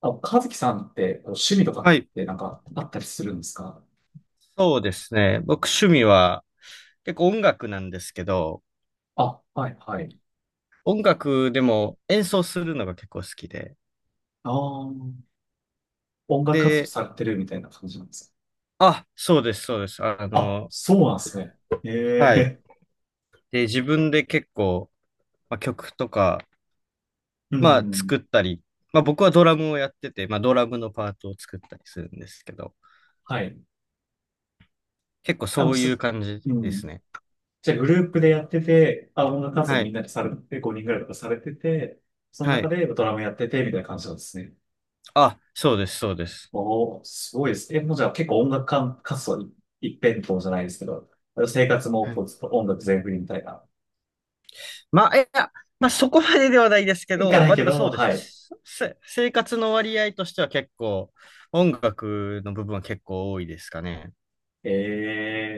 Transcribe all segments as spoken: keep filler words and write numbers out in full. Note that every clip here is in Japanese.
あ、和樹さんってこう趣味とかはい。ってなんかあったりするんですか？そうですね。僕趣味は結構音楽なんですけど、あ、はいはい。音楽でも演奏するのが結構好きで。ああ、音楽活動で、されてるみたいな感じなんですか？あ、そうです、そうです。ああ、の、そうなんですね。えはい。え で、自分で結構、まあ、曲とか、うまあん。作ったり、まあ僕はドラムをやってて、まあドラムのパートを作ったりするんですけど、はい。結構あ、もそうういうす、感じうですん。ね。じゃあグループでやってて、あ、音楽活動はみい。んなでされて、ごにんぐらいとかされてて、そのは中い。でドラムやってて、みたいな感じなんですね。あ、そうです、そうです。おー、すごいですね。えもうじゃあ結構音楽か活動い一辺倒じゃないですけど、生活もはこい、うずっと音楽全振りみたいな。まあ、いや、まあそこまでではないですけいかど、ないまあでけもど、そうではい。す。せ生活の割合としては結構、音楽の部分は結構多いですかね。え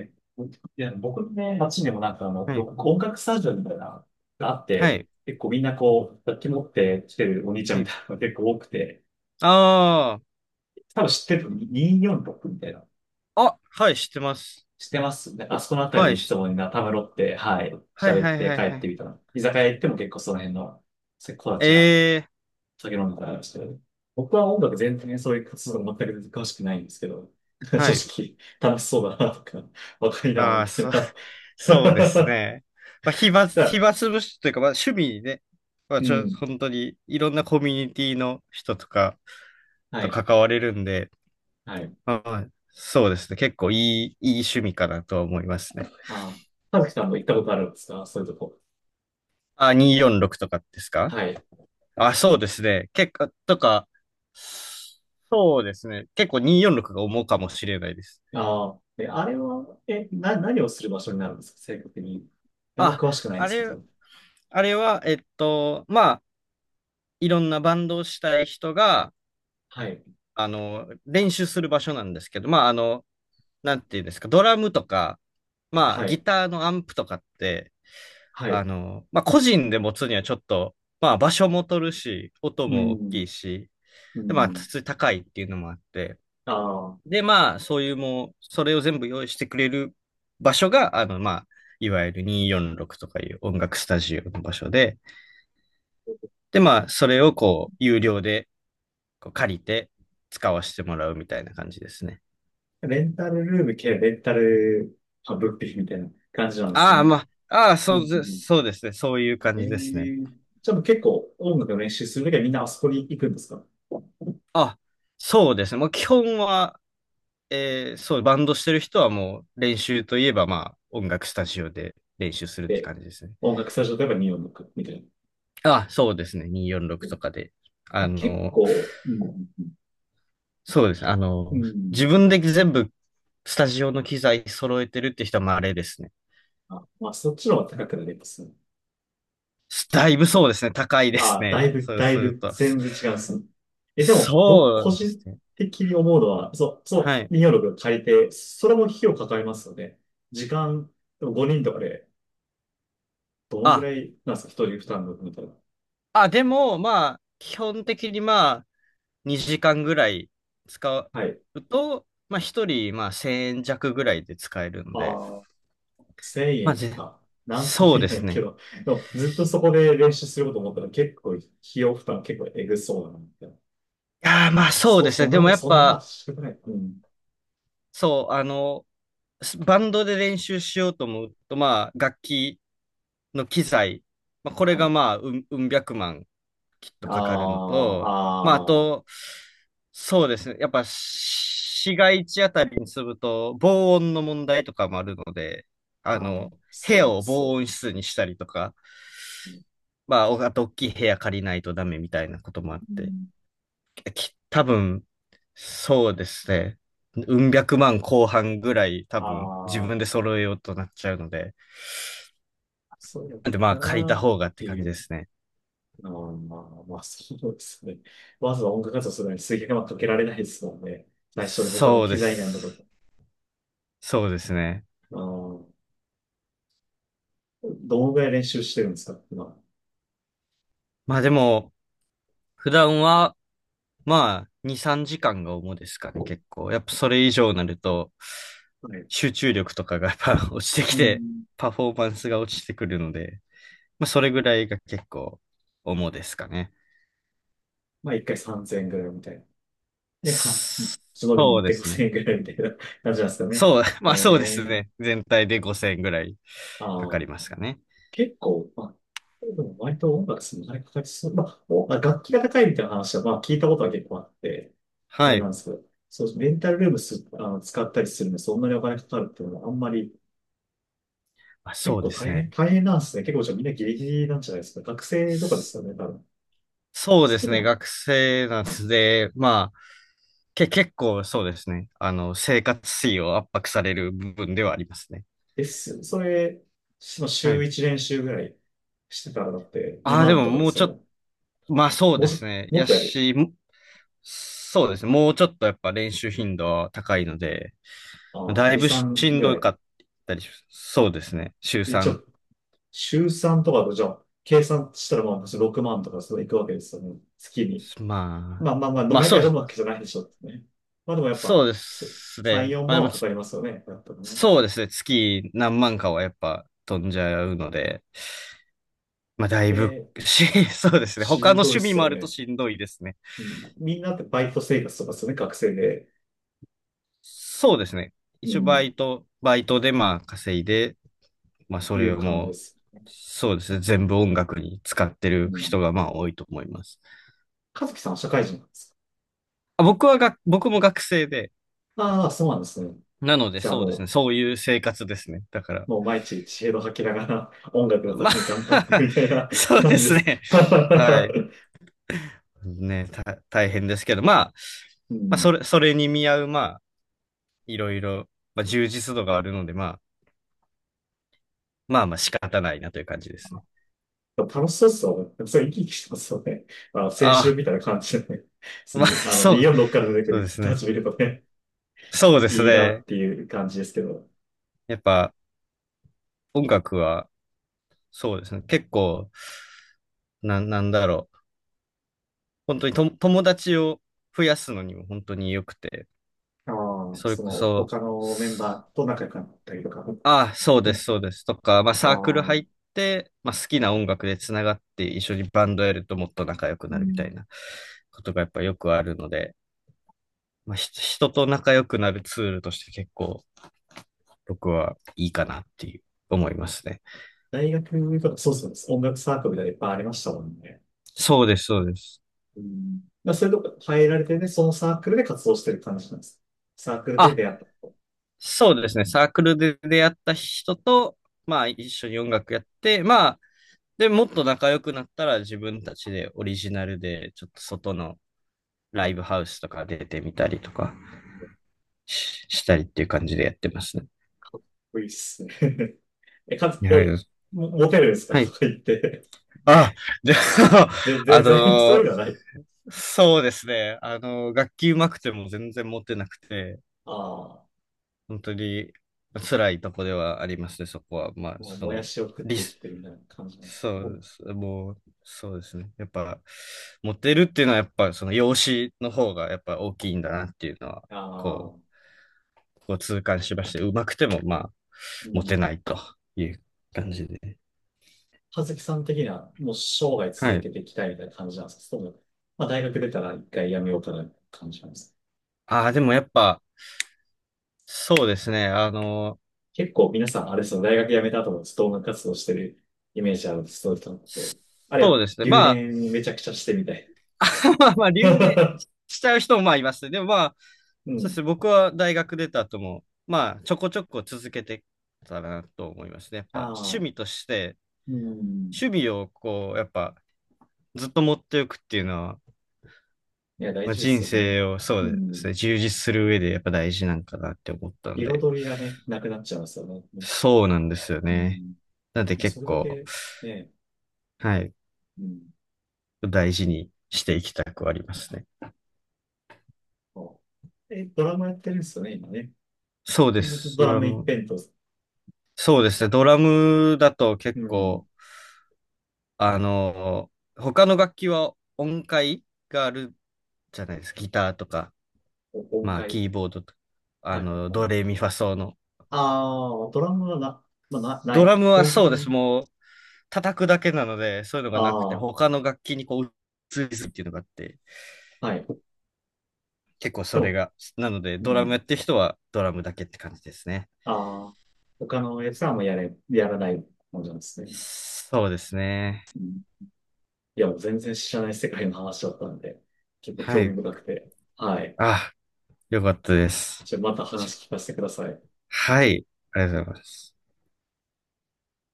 えいや、僕のね、街にもなんかあの、はロい。ック音楽スタジオみたいな、があっはて、い。結構みんなこう、楽器持って来てるお兄ちゃんはみい。たいなのが 結構多くて、あ多分知ってる、にいよんろくみたいな。あ。あ、はい、知ってます。知ってますね。あそこのあたりはでい。いつしもみんなたむろって、はい、はい喋っはいてはい帰はってい。みたら、居酒屋行っても結構その辺の子たえちがえー、酒飲んでたりして、僕は音楽全然ねそういう活動全く詳しくないんですけど、正はい。直楽しそうだなとか、わかりな、あみあ、たそいな。う、だそうですかね。まあ、暇、ら暇つぶしというか、まあ趣味にね、まあうちょ、ん。本当にいろんなコミュニティの人とかはとい。関われるんで、はい。はい。そうですね。結構いい、いい趣味かなと思いますね。ああ、はずきさんも行ったことあるんですかそういうとこ？あ、にーよんろくとかですか？はい。あ、そうですね。結構、とか、そうですね。結構にーよんろくが重かもしれないです。ああ、え、あれは、え、な、何をする場所になるんですか正確に？あんまあ、詳しくないんあですけれ、ど。あれは、えっと、まあ、いろんなバンドをしたい人が、はい。あの、練習する場所なんですけど、まあ、あの、なんていうんですか、ドラムとか、まあ、はギい。ターのアンプとかって、はあい。の、まあ、個人で持つにはちょっと、まあ、場所も取るし、音うも大きん。いし、うで、まあ、ん。普通に高いっていうのもあって、あで、まあ、そういうもう、それを全部用意してくれる場所が、あの、まあ、いわゆるにーよんろくとかいう音楽スタジオの場所で、で、まあ、それをこう、有料でこう借りて使わせてもらうみたいな感じですね。あ、レンタルルーム兼レンタル、あ、物品みたいな感じなんですああ、ね。まあ、ああ、うん。そううんでうす、んそうですね。そういう感えじですね。えじゃあもう結構音楽の練習するときはみんなあそこに行くんですか？あ、そうですね。もう基本は、えーそう、バンドしてる人はもう練習といえばまあ音楽スタジオで練習するってで、感じですね。音楽スタジオとかに音楽みたいあ、そうですね。にーよんろくな。とかで。あ結の、構、うんそうです。あうの、ん。自分で全部スタジオの機材揃えてるって人はまああれですね。あ、まあ、そっちの方が高くなりますね。だいぶそうですね。高いですあ、だね。いぶ、そう だいするぶ、と。そ全然違うんですね。え、でも、僕、そう個です人ね。的に思うのは、そう、そはい。う、にいよんろくを借りて、それも費用かかりますよね。時間、でもごにんとかで、どのぐあ、らいなんですか、ひとり負担のみたいな？あ、でもまあ、基本的にまあ、にじかんぐらい使はい。うと、まあひとり、まあせんえん弱ぐらいで使えるので、ああ、1000まあ円ぜ、か。なんともそう言えでなすいけね。ど、でも、ずっとそこで練習すること思ったら、結構、費用負担結構えぐそうだな、みたいな。いやー、まあそうそ、ですそね。んでなもの、やっそんな、まあ、ぱ、仕ない。うん。そう、あの、スバンドで練習しようと思うと、まあ楽器の機材、まあこれはがい。まあうん、うん百万きっとかかるのあと、まあ、ああ、ああ、と、そうですね。やっぱ、市街地あたりに住むと、防音の問題とかもあるので、ああーの、部屋そうでをすよ防音ね。室にしたりとか、まあ、おあと、大きい部屋借りないとダメみたいなこともあっうて、ん、き多分、そうですね。うん百万後半ぐらい、多分、自分であ揃えようとなっちゃうので、あ、そうやっなんで、まあ、た借りなたっ方がってて感いじう。ですね。あーまあ、まあ、そうですね。わざわざ音楽活動するのに水源はかけられないですもんね。最初で他のそう機で材なんだとか。す。そうですね。あーどのぐらい練習してるんですか今？まあ、でも、普段は、まあ、に、さんじかんが主ですかね、結は構。やっぱそれ以上になると、い。集中力とかがやっぱ 落ちてきうて、ん。パフォーマンスが落ちてくるので、まあ、それぐらいが結構主ですかね。まあ、一回さんぜんえんぐらいみたいな。で、あ、そ忍びにそ行うっでてごすね。せゼロ ゼロえんぐらいみたいな感じなんですかね。そう、えまあそうですえね。全体でごせんぐらいかあかりあますかね。結構、まあ、でも割と音楽するのにかかりそう。まあ、おまあ楽器が高いみたいな話は、まあ、聞いたことは結構あって、あはれない。んですけど、そう、レンタルルームす、あの、使ったりするのにそんなにお金かかるっていうのは、あんまり、あ、結そう構です大変、ね。大変なんですね。結構じゃあみんなギリギリなんじゃないですか。学生とかですよね、多分。そうでそすうでね。も、学生なんで、まあ、け、結構そうですね。あの、生活費を圧迫される部分ではありますね。ですよね。それ、そのは週い。いち練習ぐらいしてたらだって、ああ、2で万もとかでもうすちょっよね。と、まあそうもうでちすょ、ね。もっやとやるし、もそうですね。もうちょっとやっぱ練習頻度は高いので、よ。ああ、だいに、ぶしさんんぐどらかい。ったりし、そうですね。週で、ちさん。ょ週さんとかと、じゃあ、計算したらまあ、ろくまんとかそういくわけですよね。月に。まあ、まあまあまあ、まあ毎そう、回飲むわけじゃないでしょってね。まあでもやっそうぱ、ですすさん、ね。4まあで万もはかつ、かりますよね。やっぱね。そうですね。月何万かはやっぱ飛んじゃうので、まあだいぶで、し、そうですね。し他んのどいっ趣味すもあよるとね。しんどいですね。うん、みんなってバイト生活とかですよね、学生で。そうですね。う一応バん、イト、バイトでまあ稼いで、まあ、そいれうを感じでもす。う、そうですね、全部音楽に使ってうるん。人がまあ多いと思います。和樹さんは社会人なんですあ、僕はが、僕も学生で、か？ああ、そうなんですね。なのでじゃあそうでもすね、う、そういう生活ですね。だから、もう毎日知恵を吐きながら音楽のたまあ めに頑張ってみたいな そう感でじですす。ね。はい。ね、た、大変ですけど、まあ、うまあ、んそれ、それに見合う、まあ、いろいろ、まあ、充実度があるので、まあ、まあまあ仕方ないなという感じですね。楽しそうっすよね。でもそれ生き生きしてますよね。あの、青春あ、みたいな感じでね。普通まあ、に、あの、そう、にいよんろくから出てくそうでるす人たね。ち見るとね、そうですいいなっね。ていう感じですけど。やっぱ、音楽は、そうですね。結構、な、なんだろう。本当にと友達を増やすのにも本当に良くて、ああ、それそこの、そ、他のメンバーと仲良くなったりとか。ああ、そううです、んそうですとか、まああサークルあ、入って、まあ好きな音楽でつながって一緒にバンドやるともっと仲良くうなるみたんいなことがやっぱよくあるので、まあひ人と仲良くなるツールとして結構僕はいいかなっていう思いますね。大学とか、そうそうです。音楽サークルみたいなのいっぱいありましたもんね。そうです、そうです。うんまあ、それとか入られてね、そのサークルで活動してる感じなんです。サークルであ、出会ったと。そうですね。サークルで出会った人と、まあ一緒に音楽やって、まあで、もっと仲良くなったら自分たちでオリジナルでちょっと外のライブハウスとか出てみたりとかし、したりっていう感じでやってますね。いいっすね。え、かつ、はえ、い。モモテるんですかはとい。か言って。あ、じゃあ、で、あ全然そういのうのはーない。そうですね。あのー楽器上手くても全然持ってなくて、ああ、本当に辛いとこではありますね、そこは。まあ、もうそもやの、しを食っリて生きス、てるみたいな感じなんですけどそね。うですね。もう、そうですね。やっぱ、モテるっていうのは、やっぱ、その容姿の方が、やっぱ大きいんだなっていうのは、あこあ、う、こう痛感しまして、うまくても、まあ、うモテん。ないという感じで。葉月さん的には、もう生涯は続い。けていきたいみたいな感じなんですかその、まあ大学出たら一回辞めようかなって感じなんですか？ああ、でもやっぱ、そうですね。あの、結構皆さん、あれですよね、大学辞めた後もずっと音楽活動してるイメージある人々って、あれそはうですね。留まあ、年めちゃくちゃしてみたい。まあ、まあ、留年 しちゃう人もまあいますね。でもまあ、うそうでん。すね。僕は大学出た後も、まあ、ちょこちょこ続けてたらなと思いますね。やっあぱ、趣あ、味として、うん。守備をこう、やっぱずっと持っておくっていうのは、いや、大まあ、事です人よね。生をそううですん。ね、充実する上でやっぱ大事なんかなって思ったんで、彩りがね、なくなっちゃいますよね。そうなんですようね。ん。なんでもう結それだ構、け、ねはい、うん大事にしていきたくはありますね。そうえ、ドラマやってるんですよね、今ね。そうでずっとす、ドドララマ一ム。辺と。そうですね、ドラムだとう結ん。構、あの、他の楽器は音階があるじゃないですか。ギターとか、お音まあ、階。キーボードとか、あはいはの、いはい。ドレミファソの。ああ、ドラマはな、まあ、な、なドい。ラム基は本的そうです。に。もう、叩くだけなので、そういうのがなくて、あ他の楽器にこう、移りすっていうのがあって、あ、はい。結構それそが、なので、う。うドラムん。やってる人はドラムだけって感じですね。ああ、他のやつはもうやれ、やらないもんじゃんですね。そうですね。うん。いや、全然知らない世界の話だったんで、結構は興味い。深くて。はい。あ、よかったです。じゃあまた話聞かせてください。はい。ありがとうございます。